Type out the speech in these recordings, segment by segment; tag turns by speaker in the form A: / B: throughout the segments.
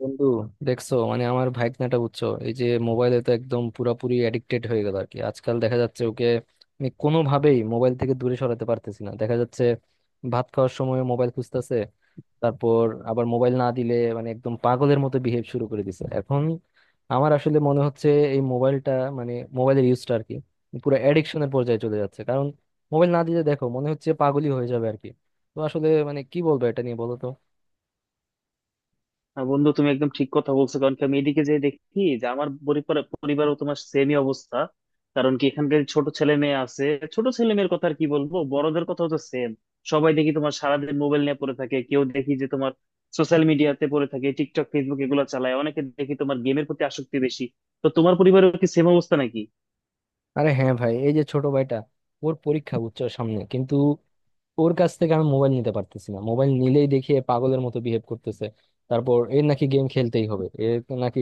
A: বন্ধু, দেখছো মানে আমার ভাইকনাটা বুঝছো, এই যে মোবাইলে তো একদম পুরাপুরি অ্যাডিক্টেড হয়ে গেল আর কি আজকাল, দেখা যাচ্ছে ওকে আমি কোনোভাবেই মোবাইল থেকে দূরে সরাতে পারতেছি না। দেখা যাচ্ছে ভাত খাওয়ার সময় মোবাইল খুঁজতেছে। তারপর আবার মোবাইল না দিলে মানে একদম পাগলের মতো বিহেভ শুরু করে দিছে এখন। আমার আসলে মনে হচ্ছে এই মোবাইলটা মানে মোবাইলের ইউজটা আর কি পুরো অ্যাডিকশনের পর্যায়ে চলে যাচ্ছে, কারণ মোবাইল না দিলে দেখো মনে হচ্ছে পাগলই হয়ে যাবে আর কি। তো আসলে মানে কি বলবো এটা নিয়ে, বলো তো।
B: না বন্ধু, তুমি একদম ঠিক কথা বলছো। কারণ কি, আমি এদিকে যে দেখি যে আমার পরিবারও তোমার সেমই অবস্থা। কারণ কি, এখানকার ছোট ছেলে মেয়ে আছে। ছোট ছেলে মেয়ের কথা আর কি বলবো, বড়দের কথাও তো সেম। সবাই দেখি তোমার সারাদিন মোবাইল নিয়ে পড়ে থাকে, কেউ দেখি যে তোমার সোশ্যাল মিডিয়াতে পড়ে থাকে, টিকটক ফেসবুক এগুলো চালায়, অনেকে দেখি তোমার গেমের প্রতি আসক্তি বেশি। তো তোমার পরিবারেও কি সেম অবস্থা নাকি?
A: আরে হ্যাঁ ভাই, এই যে ছোট ভাইটা, ওর পরীক্ষা বুঝছো সামনে, কিন্তু ওর কাছ থেকে আমি মোবাইল নিতে পারতেছি না, মোবাইল নিলেই দেখি এ পাগলের মতো বিহেভ করতেছে। তারপর এর নাকি গেম খেলতেই হবে, এর নাকি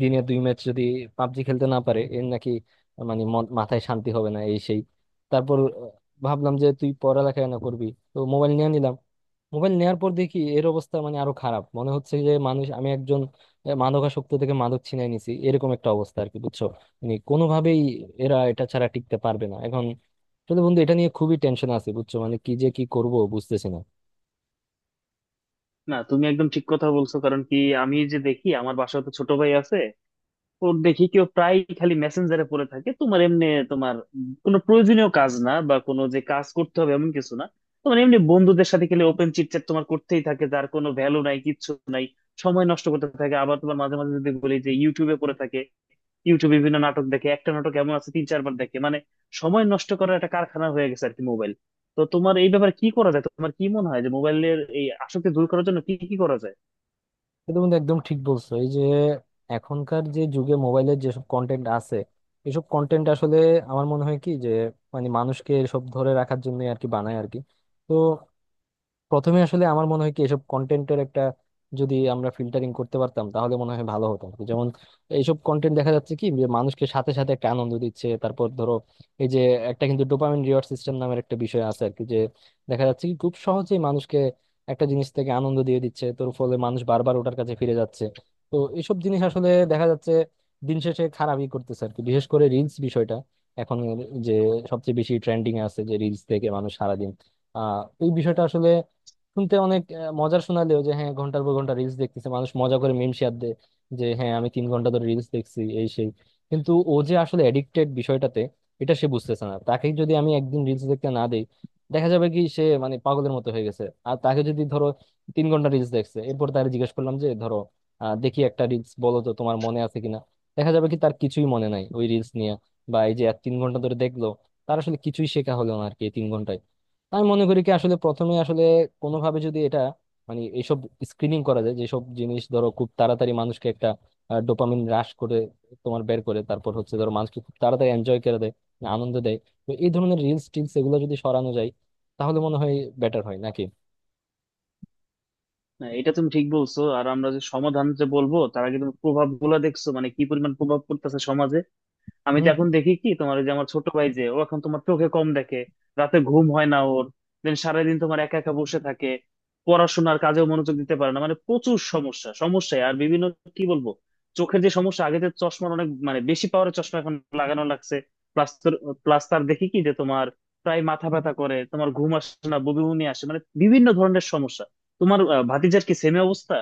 A: দিনে দুই ম্যাচ যদি পাবজি খেলতে না পারে এর নাকি মানে মাথায় শান্তি হবে না এই সেই। তারপর ভাবলাম যে তুই পড়ালেখা না করবি তো মোবাইল নিয়ে নিলাম। মোবাইল নেওয়ার পর দেখি এর অবস্থা মানে আরো খারাপ, মনে হচ্ছে যে মানুষ আমি একজন মাদকাসক্ত থেকে মাদক ছিনাই নিছি, এরকম একটা অবস্থা আর কি, বুঝছো। মানে কোনোভাবেই এরা এটা ছাড়া টিকতে পারবে না এখন। আসলে বন্ধু এটা নিয়ে খুবই টেনশন আছে বুঝছো, মানে কি যে কি করব বুঝতেছি না।
B: না, তুমি একদম ঠিক কথা বলছো। কারণ কি, আমি যে দেখি আমার বাসায় তো ছোট ভাই আছে। তো দেখি কেউ প্রায় খালি মেসেঞ্জারে পড়ে থাকে, তোমার এমনি, তোমার কোনো প্রয়োজনীয় কাজ না বা কোনো যে কাজ করতে হবে এমন কিছু না, তোমার এমনি বন্ধুদের সাথে খেলে ওপেন চিটচ্যাট তোমার করতেই থাকে, যার কোনো ভ্যালু নাই, কিচ্ছু নাই। সময় নষ্ট করতে থাকে। আবার তোমার মাঝে মাঝে যদি বলি, যে ইউটিউবে পড়ে থাকে, ইউটিউবে বিভিন্ন নাটক দেখে, একটা নাটক এমন আছে 3-4 বার দেখে, মানে সময় নষ্ট করার একটা কারখানা হয়ে গেছে আর কি মোবাইল। তো তোমার এই ব্যাপারে কি করা যায়? তোমার কি মনে হয় যে মোবাইলের এই আসক্তি দূর করার জন্য কি কি করা যায়?
A: কিন্তু বন্ধু একদম ঠিক বলছো, এই যে এখনকার যে যুগে মোবাইলের যেসব কন্টেন্ট আছে এসব কন্টেন্ট আসলে আমার মনে হয় কি যে মানে মানুষকে সব ধরে রাখার জন্য আর কি বানায় আর কি। তো প্রথমে আসলে আমার মনে হয় কি এসব কন্টেন্টের একটা যদি আমরা ফিল্টারিং করতে পারতাম তাহলে মনে হয় ভালো হতো আর কি। যেমন এইসব কন্টেন্ট দেখা যাচ্ছে কি যে মানুষকে সাথে সাথে একটা আনন্দ দিচ্ছে। তারপর ধরো এই যে একটা কিন্তু ডোপামিন রিওয়ার্ড সিস্টেম নামের একটা বিষয় আছে আর কি, যে দেখা যাচ্ছে কি খুব সহজেই মানুষকে একটা জিনিস থেকে আনন্দ দিয়ে দিচ্ছে, তোর ফলে মানুষ বারবার ওটার কাছে ফিরে যাচ্ছে। তো এইসব জিনিস আসলে দেখা যাচ্ছে দিন শেষে খারাপই করতেছে আর কি, বিশেষ করে রিলস বিষয়টা এখন যে সবচেয়ে বেশি ট্রেন্ডিং এ আছে, যে রিলস থেকে মানুষ সারাদিন আহ এই বিষয়টা আসলে শুনতে অনেক মজার শোনালেও, যে হ্যাঁ ঘন্টার পর ঘন্টা রিলস দেখতেছে মানুষ, মজা করে মিম শেয়ার দেয় যে হ্যাঁ আমি 3 ঘন্টা ধরে রিলস দেখছি এই সেই, কিন্তু ও যে আসলে এডিক্টেড বিষয়টাতে এটা সে বুঝতেছে না। তাকে যদি আমি একদিন রিলস দেখতে না দেই দেখা যাবে কি সে মানে পাগলের মতো হয়ে গেছে। আর তাকে যদি ধরো 3 ঘন্টা রিলস দেখছে এরপর তাকে জিজ্ঞেস করলাম যে ধরো দেখি একটা রিলস বলো তো তোমার মনে আছে কিনা, দেখা যাবে কি তার কিছুই মনে নাই ওই রিলস নিয়ে। বা এই যে 3 ঘন্টা ধরে দেখলো, তার আসলে কিছুই শেখা হলো না আর কি এই 3 ঘন্টায়। আমি মনে করি কি আসলে প্রথমে আসলে কোনোভাবে যদি এটা মানে এইসব স্ক্রিনিং করা যায়, যেসব জিনিস ধরো খুব তাড়াতাড়ি মানুষকে একটা ডোপামিন হ্রাস করে তোমার বের করে, তারপর হচ্ছে ধরো মানুষকে খুব তাড়াতাড়ি এনজয় করে দেয় মানে আনন্দ দেয়, তো এই ধরনের রিলস টিলস এগুলো যদি সরানো যায় তাহলে মনে হয় বেটার হয় নাকি।
B: না, এটা তুমি ঠিক বলছো। আর আমরা যে সমাধান যে বলবো তার আগে তুমি প্রভাব গুলা দেখছো, মানে কি পরিমাণ প্রভাব পড়তেছে সমাজে। আমি তো এখন দেখি কি, তোমার ওই যে আমার ছোট ভাই যে ও, এখন তোমার চোখে কম দেখে, রাতে ঘুম হয় না ওর, দেন সারাদিন তোমার একা একা বসে থাকে, পড়াশোনার কাজেও মনোযোগ দিতে পারে না, মানে প্রচুর সমস্যা সমস্যায়। আর বিভিন্ন কি বলবো, চোখের যে সমস্যা, আগে তো চশমার অনেক মানে বেশি পাওয়ারের চশমা এখন লাগানো লাগছে। প্লাস প্লাস তার দেখি কি যে তোমার প্রায় মাথা ব্যথা করে, তোমার ঘুম আসে না, বমি বমি আসে, মানে বিভিন্ন ধরনের সমস্যা। তোমার ভাতিজার কি সেমই অবস্থা?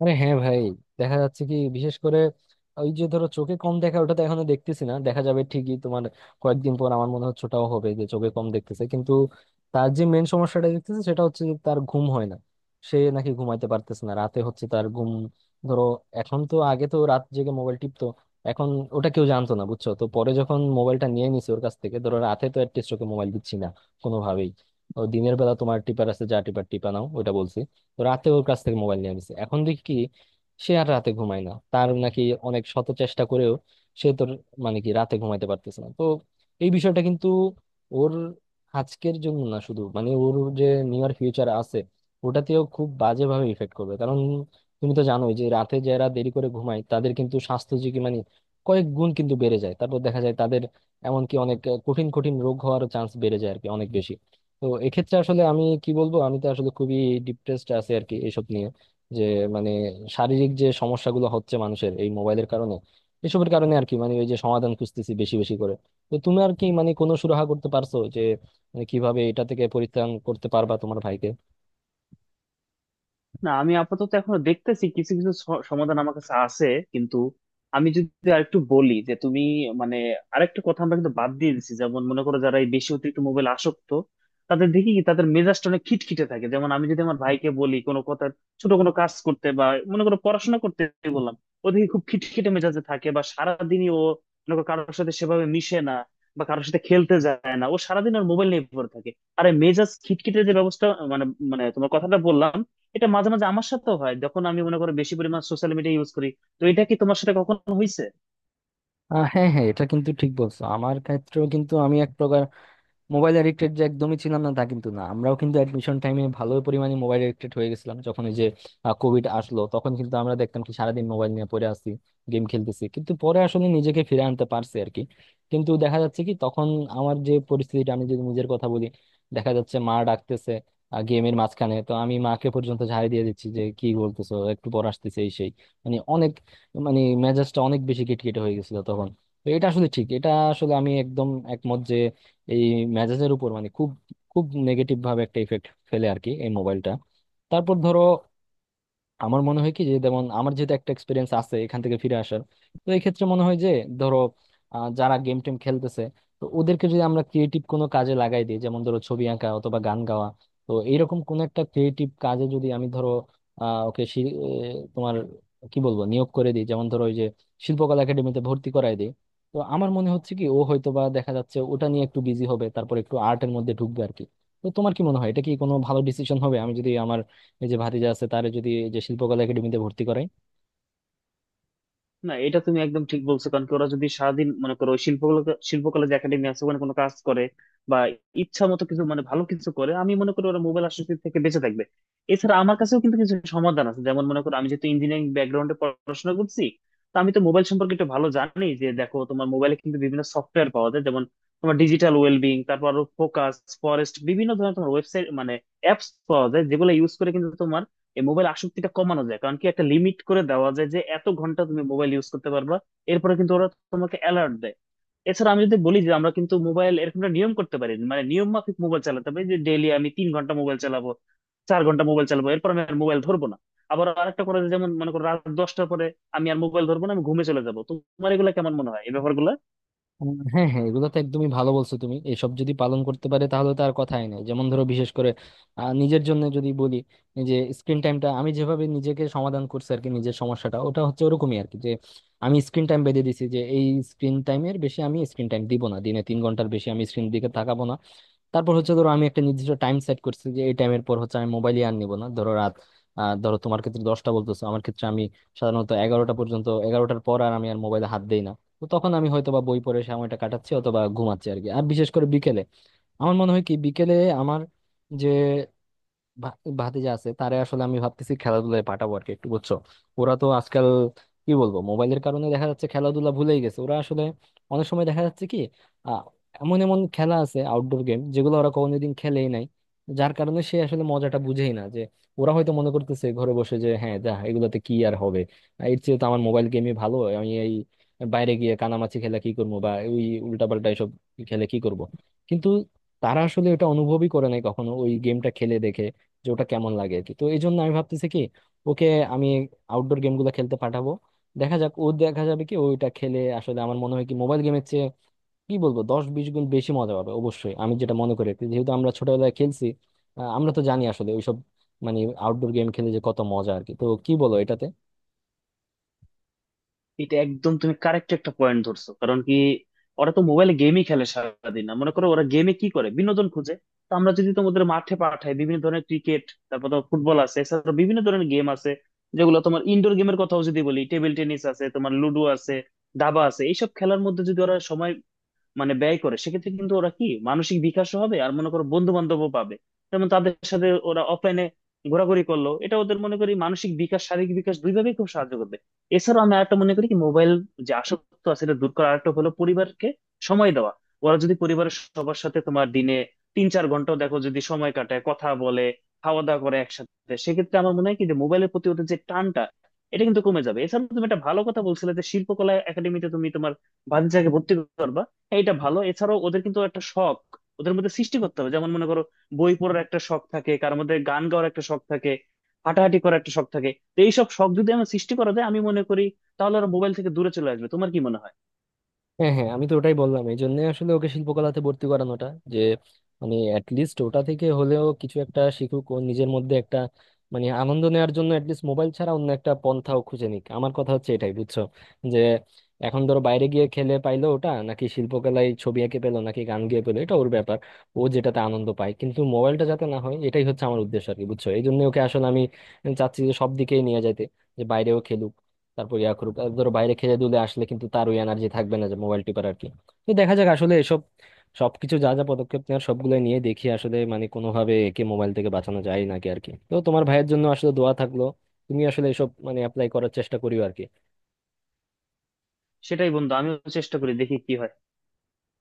A: আরে হ্যাঁ ভাই, দেখা যাচ্ছে কি বিশেষ করে ওই যে ধরো চোখে কম দেখা ওটা তো এখনো দেখতেছি না, দেখা যাবে ঠিকই তোমার কয়েকদিন পর, আমার মনে হচ্ছে ওটাও হবে যে চোখে কম দেখতেছে। কিন্তু তার যে মেন সমস্যাটা দেখতেছে সেটা হচ্ছে যে তার ঘুম হয় না, সে নাকি ঘুমাইতে পারতেছে না রাতে, হচ্ছে তার ঘুম ধরো এখন তো, আগে তো রাত জেগে মোবাইল টিপতো এখন, ওটা কেউ জানতো না বুঝছো, তো পরে যখন মোবাইলটা নিয়ে নিছে ওর কাছ থেকে ধরো রাতে, তো অ্যাটলিস্ট ওকে মোবাইল দিচ্ছি না কোনোভাবেই, ও দিনের বেলা তোমার টিপার আছে যা টিপার টিপা নাও ওটা বলছি। তো রাতে ওর কাছ থেকে মোবাইল নিয়ে নিছে এখন দেখি কি সে আর রাতে ঘুমায় না, তার নাকি অনেক শত চেষ্টা করেও সে তোর মানে কি রাতে ঘুমাইতে পারতেছে না। তো এই বিষয়টা কিন্তু ওর আজকের জন্য না শুধু, মানে ওর যে নিয়ার ফিউচার আছে ওটাতেও খুব বাজেভাবে ইফেক্ট করবে, কারণ তুমি তো জানোই যে রাতে যারা দেরি করে ঘুমায় তাদের কিন্তু স্বাস্থ্য ঝুঁকি মানে কয়েক গুণ কিন্তু বেড়ে যায়। তারপর দেখা যায় তাদের এমনকি অনেক কঠিন কঠিন রোগ হওয়ার চান্স বেড়ে যায় আর কি অনেক বেশি। তো এক্ষেত্রে আসলে আমি কি বলবো, আমি তো আসলে খুবই ডিপ্রেসড আছি আর কি এইসব নিয়ে, যে মানে শারীরিক যে সমস্যাগুলো হচ্ছে মানুষের এই মোবাইলের কারণে এসবের কারণে আর কি, মানে ওই যে সমাধান খুঁজতেছি বেশি বেশি করে। তো তুমি আর কি মানে কোনো সুরাহা করতে পারছো যে মানে কিভাবে এটা থেকে পরিত্রাণ করতে পারবা তোমার ভাইকে।
B: না, আমি আপাতত এখনো দেখতেছি কিছু কিছু সমাধান আমার কাছে আছে। কিন্তু আমি যদি আরেকটু বলি যে তুমি, মানে আরেকটা কথা আমরা কিন্তু বাদ দিয়ে দিছি। যেমন মনে করো, যারা এই বেশি অতিরিক্ত মোবাইল আসক্ত, তাদের দেখি কি তাদের মেজাজটা অনেক খিটখিটে থাকে। যেমন আমি যদি আমার ভাইকে বলি কোনো কথা, ছোট কোনো কাজ করতে, বা মনে করো পড়াশোনা করতে বললাম, ও দেখি খুব খিটখিটে মেজাজে থাকে। বা সারাদিনই ও, মনে করো, কারোর সাথে সেভাবে মিশে না, বা কারোর সাথে খেলতে যায় না, ও সারাদিন ওর মোবাইল নিয়ে পড়ে থাকে। আরে মেজাজ খিটখিটে যে ব্যবস্থা, মানে, মানে তোমার কথাটা বললাম। এটা মাঝে মাঝে আমার সাথেও হয়, যখন আমি মনে করো বেশি পরিমাণ সোশ্যাল মিডিয়া ইউজ করি। তো এটা কি তোমার সাথে কখনো হয়েছে?
A: হ্যাঁ হ্যাঁ এটা কিন্তু ঠিক বলছো, আমার ক্ষেত্রেও কিন্তু আমি মোবাইল এডিক্টেড যে একদমই ছিলাম না তা কিন্তু না, আমরাও কিন্তু অ্যাডমিশন টাইমে ভালো পরিমাণে মোবাইল এডিক্টেড হয়ে গেছিলাম, যখন ওই যে কোভিড আসলো তখন কিন্তু আমরা দেখতাম কি সারাদিন মোবাইল নিয়ে পড়ে আছি গেম খেলতেছি, কিন্তু পরে আসলে নিজেকে ফিরে আনতে পারছি আর কি। কিন্তু দেখা যাচ্ছে কি তখন আমার যে পরিস্থিতিটা, আমি যদি নিজের কথা বলি, দেখা যাচ্ছে মা ডাকতেছে গেমের মাঝখানে, তো আমি মাকে পর্যন্ত ঝাড়ি দিয়ে দিচ্ছি যে কি বলতেছো একটু পর আসতেছে এই সেই। মানে অনেক মানে মেজাজটা অনেক বেশি খিটখিটে হয়ে গেছিল তখন। তো এটা আসলে ঠিক, এটা আসলে আমি একদম একমত যে এই মেজাজের উপর মানে খুব খুব নেগেটিভ ভাবে একটা ইফেক্ট ফেলে আর কি এই মোবাইলটা। তারপর ধরো আমার মনে হয় কি যে, যেমন আমার যেহেতু একটা এক্সপিরিয়েন্স আছে এখান থেকে ফিরে আসার, তো এই ক্ষেত্রে মনে হয় যে ধরো যারা গেম টেম খেলতেছে তো ওদেরকে যদি আমরা ক্রিয়েটিভ কোনো কাজে লাগাই দিই, যেমন ধরো ছবি আঁকা অথবা গান গাওয়া, তো এইরকম কোনো একটা ক্রিয়েটিভ কাজে যদি আমি ধরো ওকে তোমার কি বলবো নিয়োগ করে দিই, যেমন ধরো ওই যে শিল্পকলা একাডেমিতে ভর্তি করায় দিই, তো আমার মনে হচ্ছে কি ও হয়তো বা দেখা যাচ্ছে ওটা নিয়ে একটু বিজি হবে, তারপর একটু আর্টের মধ্যে ঢুকবে আর কি। তো তোমার কি মনে হয় এটা কি কোনো ভালো ডিসিশন হবে, আমি যদি আমার এই যে ভাতিজা আছে তারে যদি এই যে শিল্পকলা একাডেমিতে ভর্তি করাই।
B: না, এটা তুমি একদম ঠিক বলছো। কারণ কি, ওরা যদি সারাদিন মনে করো ওই শিল্পকলা শিল্পকলা যে একাডেমি আছে ওখানে কোনো কাজ করে, বা ইচ্ছা মতো কিছু, মানে ভালো কিছু করে, আমি মনে করি ওরা মোবাইল আসক্তি থেকে বেঁচে থাকবে। এছাড়া আমার কাছেও কিন্তু কিছু সমাধান আছে। যেমন মনে করো, আমি যেহেতু ইঞ্জিনিয়ারিং ব্যাকগ্রাউন্ডে পড়াশোনা করছি, তো আমি তো মোবাইল সম্পর্কে একটু ভালো জানি। যে দেখো, তোমার মোবাইলে কিন্তু বিভিন্ন সফটওয়্যার পাওয়া যায়, যেমন তোমার ডিজিটাল ওয়েলবিং, তারপর আরো ফোকাস ফরেস্ট, বিভিন্ন ধরনের তোমার ওয়েবসাইট, মানে অ্যাপস পাওয়া যায়, যেগুলো ইউজ করে কিন্তু তোমার এই মোবাইল আসক্তিটা কমানো যায়। কারণ কি, একটা লিমিট করে দেওয়া যায় যে এত ঘন্টা তুমি মোবাইল ইউজ করতে পারবা, এরপরে কিন্তু ওরা তোমাকে অ্যালার্ট দেয়। এছাড়া আমি যদি বলি যে আমরা কিন্তু মোবাইল এরকম একটা নিয়ম করতে পারি, মানে নিয়ম মাফিক মোবাইল চালাতে পারি যে ডেইলি আমি 3 ঘন্টা মোবাইল চালাবো, 4 ঘন্টা মোবাইল চালাবো, এরপর আমি আর মোবাইল ধরবো না। আবার আরেকটা করা যায়, যেমন মনে করো রাত 10টার পরে আমি আর মোবাইল ধরবো না, আমি ঘুমে চলে যাবো। তোমার এগুলো কেমন মনে হয়, এই ব্যাপারগুলো?
A: হ্যাঁ হ্যাঁ এগুলো তো একদমই ভালো বলছো তুমি, এসব যদি পালন করতে পারে তাহলে তো আর কথাই নাই। যেমন ধরো বিশেষ করে নিজের জন্য যদি বলি এই যে স্ক্রিন টাইমটা, আমি যেভাবে নিজেকে সমাধান করছি আর কি নিজের সমস্যাটা ওটা হচ্ছে ওরকমই আর কি, যে আমি স্ক্রিন টাইম বেঁধে দিছি যে এই স্ক্রিন টাইমের বেশি আমি স্ক্রিন টাইম দিব না, দিনে 3 ঘন্টার বেশি আমি স্ক্রিন দিকে তাকাবো না। তারপর হচ্ছে ধরো আমি একটা নির্দিষ্ট টাইম সেট করছি যে এই টাইমের পর হচ্ছে আমি মোবাইলই আর নিব না, ধরো রাত ধরো তোমার ক্ষেত্রে 10টা বলতেছো, আমার ক্ষেত্রে আমি সাধারণত 11টা পর্যন্ত, 11টার পর আর আমি আর মোবাইলে হাত দেই না। তো তখন আমি হয়তো বা বই পড়ে সময়টা কাটাচ্ছি অথবা ঘুমাচ্ছি আর কি। আর বিশেষ করে বিকেলে আমার মনে হয় কি বিকেলে আমার যে ভা- ভাতিজা আছে তারে আসলে আমি ভাবতেছি খেলাধুলায় পাঠাবো আর কি একটু, বুঝছো। ওরা তো আজকাল কি বলবো মোবাইলের কারণে দেখা যাচ্ছে খেলাধুলা ভুলেই গেছে ওরা আসলে। অনেক সময় দেখা যাচ্ছে কি আহ, এমন এমন খেলা আছে আউটডোর গেম যেগুলো ওরা কোনোদিন খেলেই নাই, যার কারণে সে আসলে মজাটা বুঝেই না। যে ওরা হয়তো মনে করতেছে ঘরে বসে যে হ্যাঁ যা এগুলোতে কি আর হবে, এর চেয়ে তো আমার মোবাইল গেমই ভালো, আমি এই বাইরে গিয়ে কানামাছি খেলে কি করবো বা ওই উল্টাপাল্টা এসব খেলে কি করব। কিন্তু তারা আসলে এটা অনুভবই করে নাই কখনো ওই গেমটা খেলে দেখে যে ওটা কেমন লাগে আর কি। তো এই জন্য আমি ভাবতেছি কি ওকে আমি আউটডোর গেমগুলো খেলতে পাঠাবো, দেখা যাক ও দেখা যাবে কি ওইটা খেলে আসলে। আমার মনে হয় কি মোবাইল গেমের চেয়ে কি বলবো দশ বিশ গুণ বেশি মজা পাবে অবশ্যই, আমি যেটা মনে করি আর কি। যেহেতু আমরা ছোটবেলায় খেলছি, আমরা তো জানি আসলে ওইসব মানে আউটডোর গেম খেলে যে কত মজা আর কি, তো কি বলো এটাতে।
B: এটা একদম তুমি কারেক্ট একটা পয়েন্ট ধরছো। কারণ কি, ওরা তো মোবাইলে গেমই খেলে সারাদিন, না মনে করো ওরা গেমে কি করে বিনোদন খুঁজে। তো আমরা যদি তোমাদের মাঠে পাঠাই, বিভিন্ন ধরনের ক্রিকেট, তারপর তোমার ফুটবল আছে, এছাড়া বিভিন্ন ধরনের গেম আছে, যেগুলো তোমার ইনডোর গেমের কথাও যদি বলি, টেবিল টেনিস আছে, তোমার লুডো আছে, দাবা আছে, এইসব খেলার মধ্যে যদি ওরা সময়, মানে ব্যয় করে, সেক্ষেত্রে কিন্তু ওরা কি মানসিক বিকাশও হবে, আর মনে করো বন্ধু বান্ধবও পাবে। যেমন তাদের সাথে ওরা অফলাইনে ঘোরাঘুরি করলো, এটা ওদের মনে করি মানসিক বিকাশ শারীরিক বিকাশ দুইভাবেই খুব সাহায্য করবে। এছাড়াও আমি আরেকটা মনে করি কি, মোবাইল যে আসক্ত আছে এটা দূর করার আরেকটা হলো পরিবারকে সময় দেওয়া। ওরা যদি পরিবারের সবার সাথে তোমার দিনে 3-4 ঘন্টাও দেখো যদি সময় কাটায়, কথা বলে, খাওয়া দাওয়া করে একসাথে, সেক্ষেত্রে আমার মনে হয় কি যে মোবাইলের প্রতি ওদের যে টানটা এটা কিন্তু কমে যাবে। এছাড়া তুমি একটা ভালো কথা বলছিলে যে শিল্পকলা একাডেমিতে তুমি তোমার ভাতিজাকে ভর্তি করবা, এটা ভালো। এছাড়াও ওদের কিন্তু একটা শখ ওদের মধ্যে সৃষ্টি করতে হবে। যেমন মনে করো, বই পড়ার একটা শখ থাকে কার মধ্যে, গান গাওয়ার একটা শখ থাকে, হাঁটাহাঁটি করার একটা শখ থাকে। তো এইসব শখ যদি আমরা সৃষ্টি করা যায়, আমি মনে করি তাহলে ওরা মোবাইল থেকে দূরে চলে আসবে। তোমার কি মনে হয়?
A: হ্যাঁ হ্যাঁ আমি তো ওটাই বললাম, এই জন্য আসলে ওকে শিল্পকলাতে ভর্তি করানোটা, যে মানে অ্যাটলিস্ট ওটা থেকে হলেও কিছু একটা শিখুক, ও নিজের মধ্যে একটা মানে আনন্দ নেওয়ার জন্য অ্যাটলিস্ট মোবাইল ছাড়া অন্য একটা পন্থাও খুঁজে নিক, আমার কথা হচ্ছে এটাই বুঝছো। যে এখন ধরো বাইরে গিয়ে খেলে পাইলো ওটা, নাকি শিল্পকলায় ছবি এঁকে পেলো নাকি গান গেয়ে পেলো এটা ওর ব্যাপার। ও যেটাতে আনন্দ পায় কিন্তু মোবাইলটা যাতে না হয় এটাই হচ্ছে আমার উদ্দেশ্য আর কি, বুঝছো। এই জন্য ওকে আসলে আমি চাচ্ছি যে সব দিকেই নিয়ে যাইতে, যে বাইরেও খেলুক তারপর ইয়া করুক, আর ধরো বাইরে খেলে দুলে আসলে কিন্তু তার ওই এনার্জি থাকবে না যে মোবাইল টিপার আর কি। তো দেখা যাক আসলে এসব সবকিছু যা যা পদক্ষেপ নেওয়ার সবগুলো নিয়ে দেখি আসলে মানে কোনোভাবে একে মোবাইল থেকে বাঁচানো যায় নাকি আর কি। তো তোমার ভাইয়ের জন্য আসলে দোয়া থাকলো, তুমি আসলে এসব মানে অ্যাপ্লাই করার চেষ্টা করিও আর কি।
B: সেটাই বন্ধু, আমিও চেষ্টা করি, দেখি কি হয়।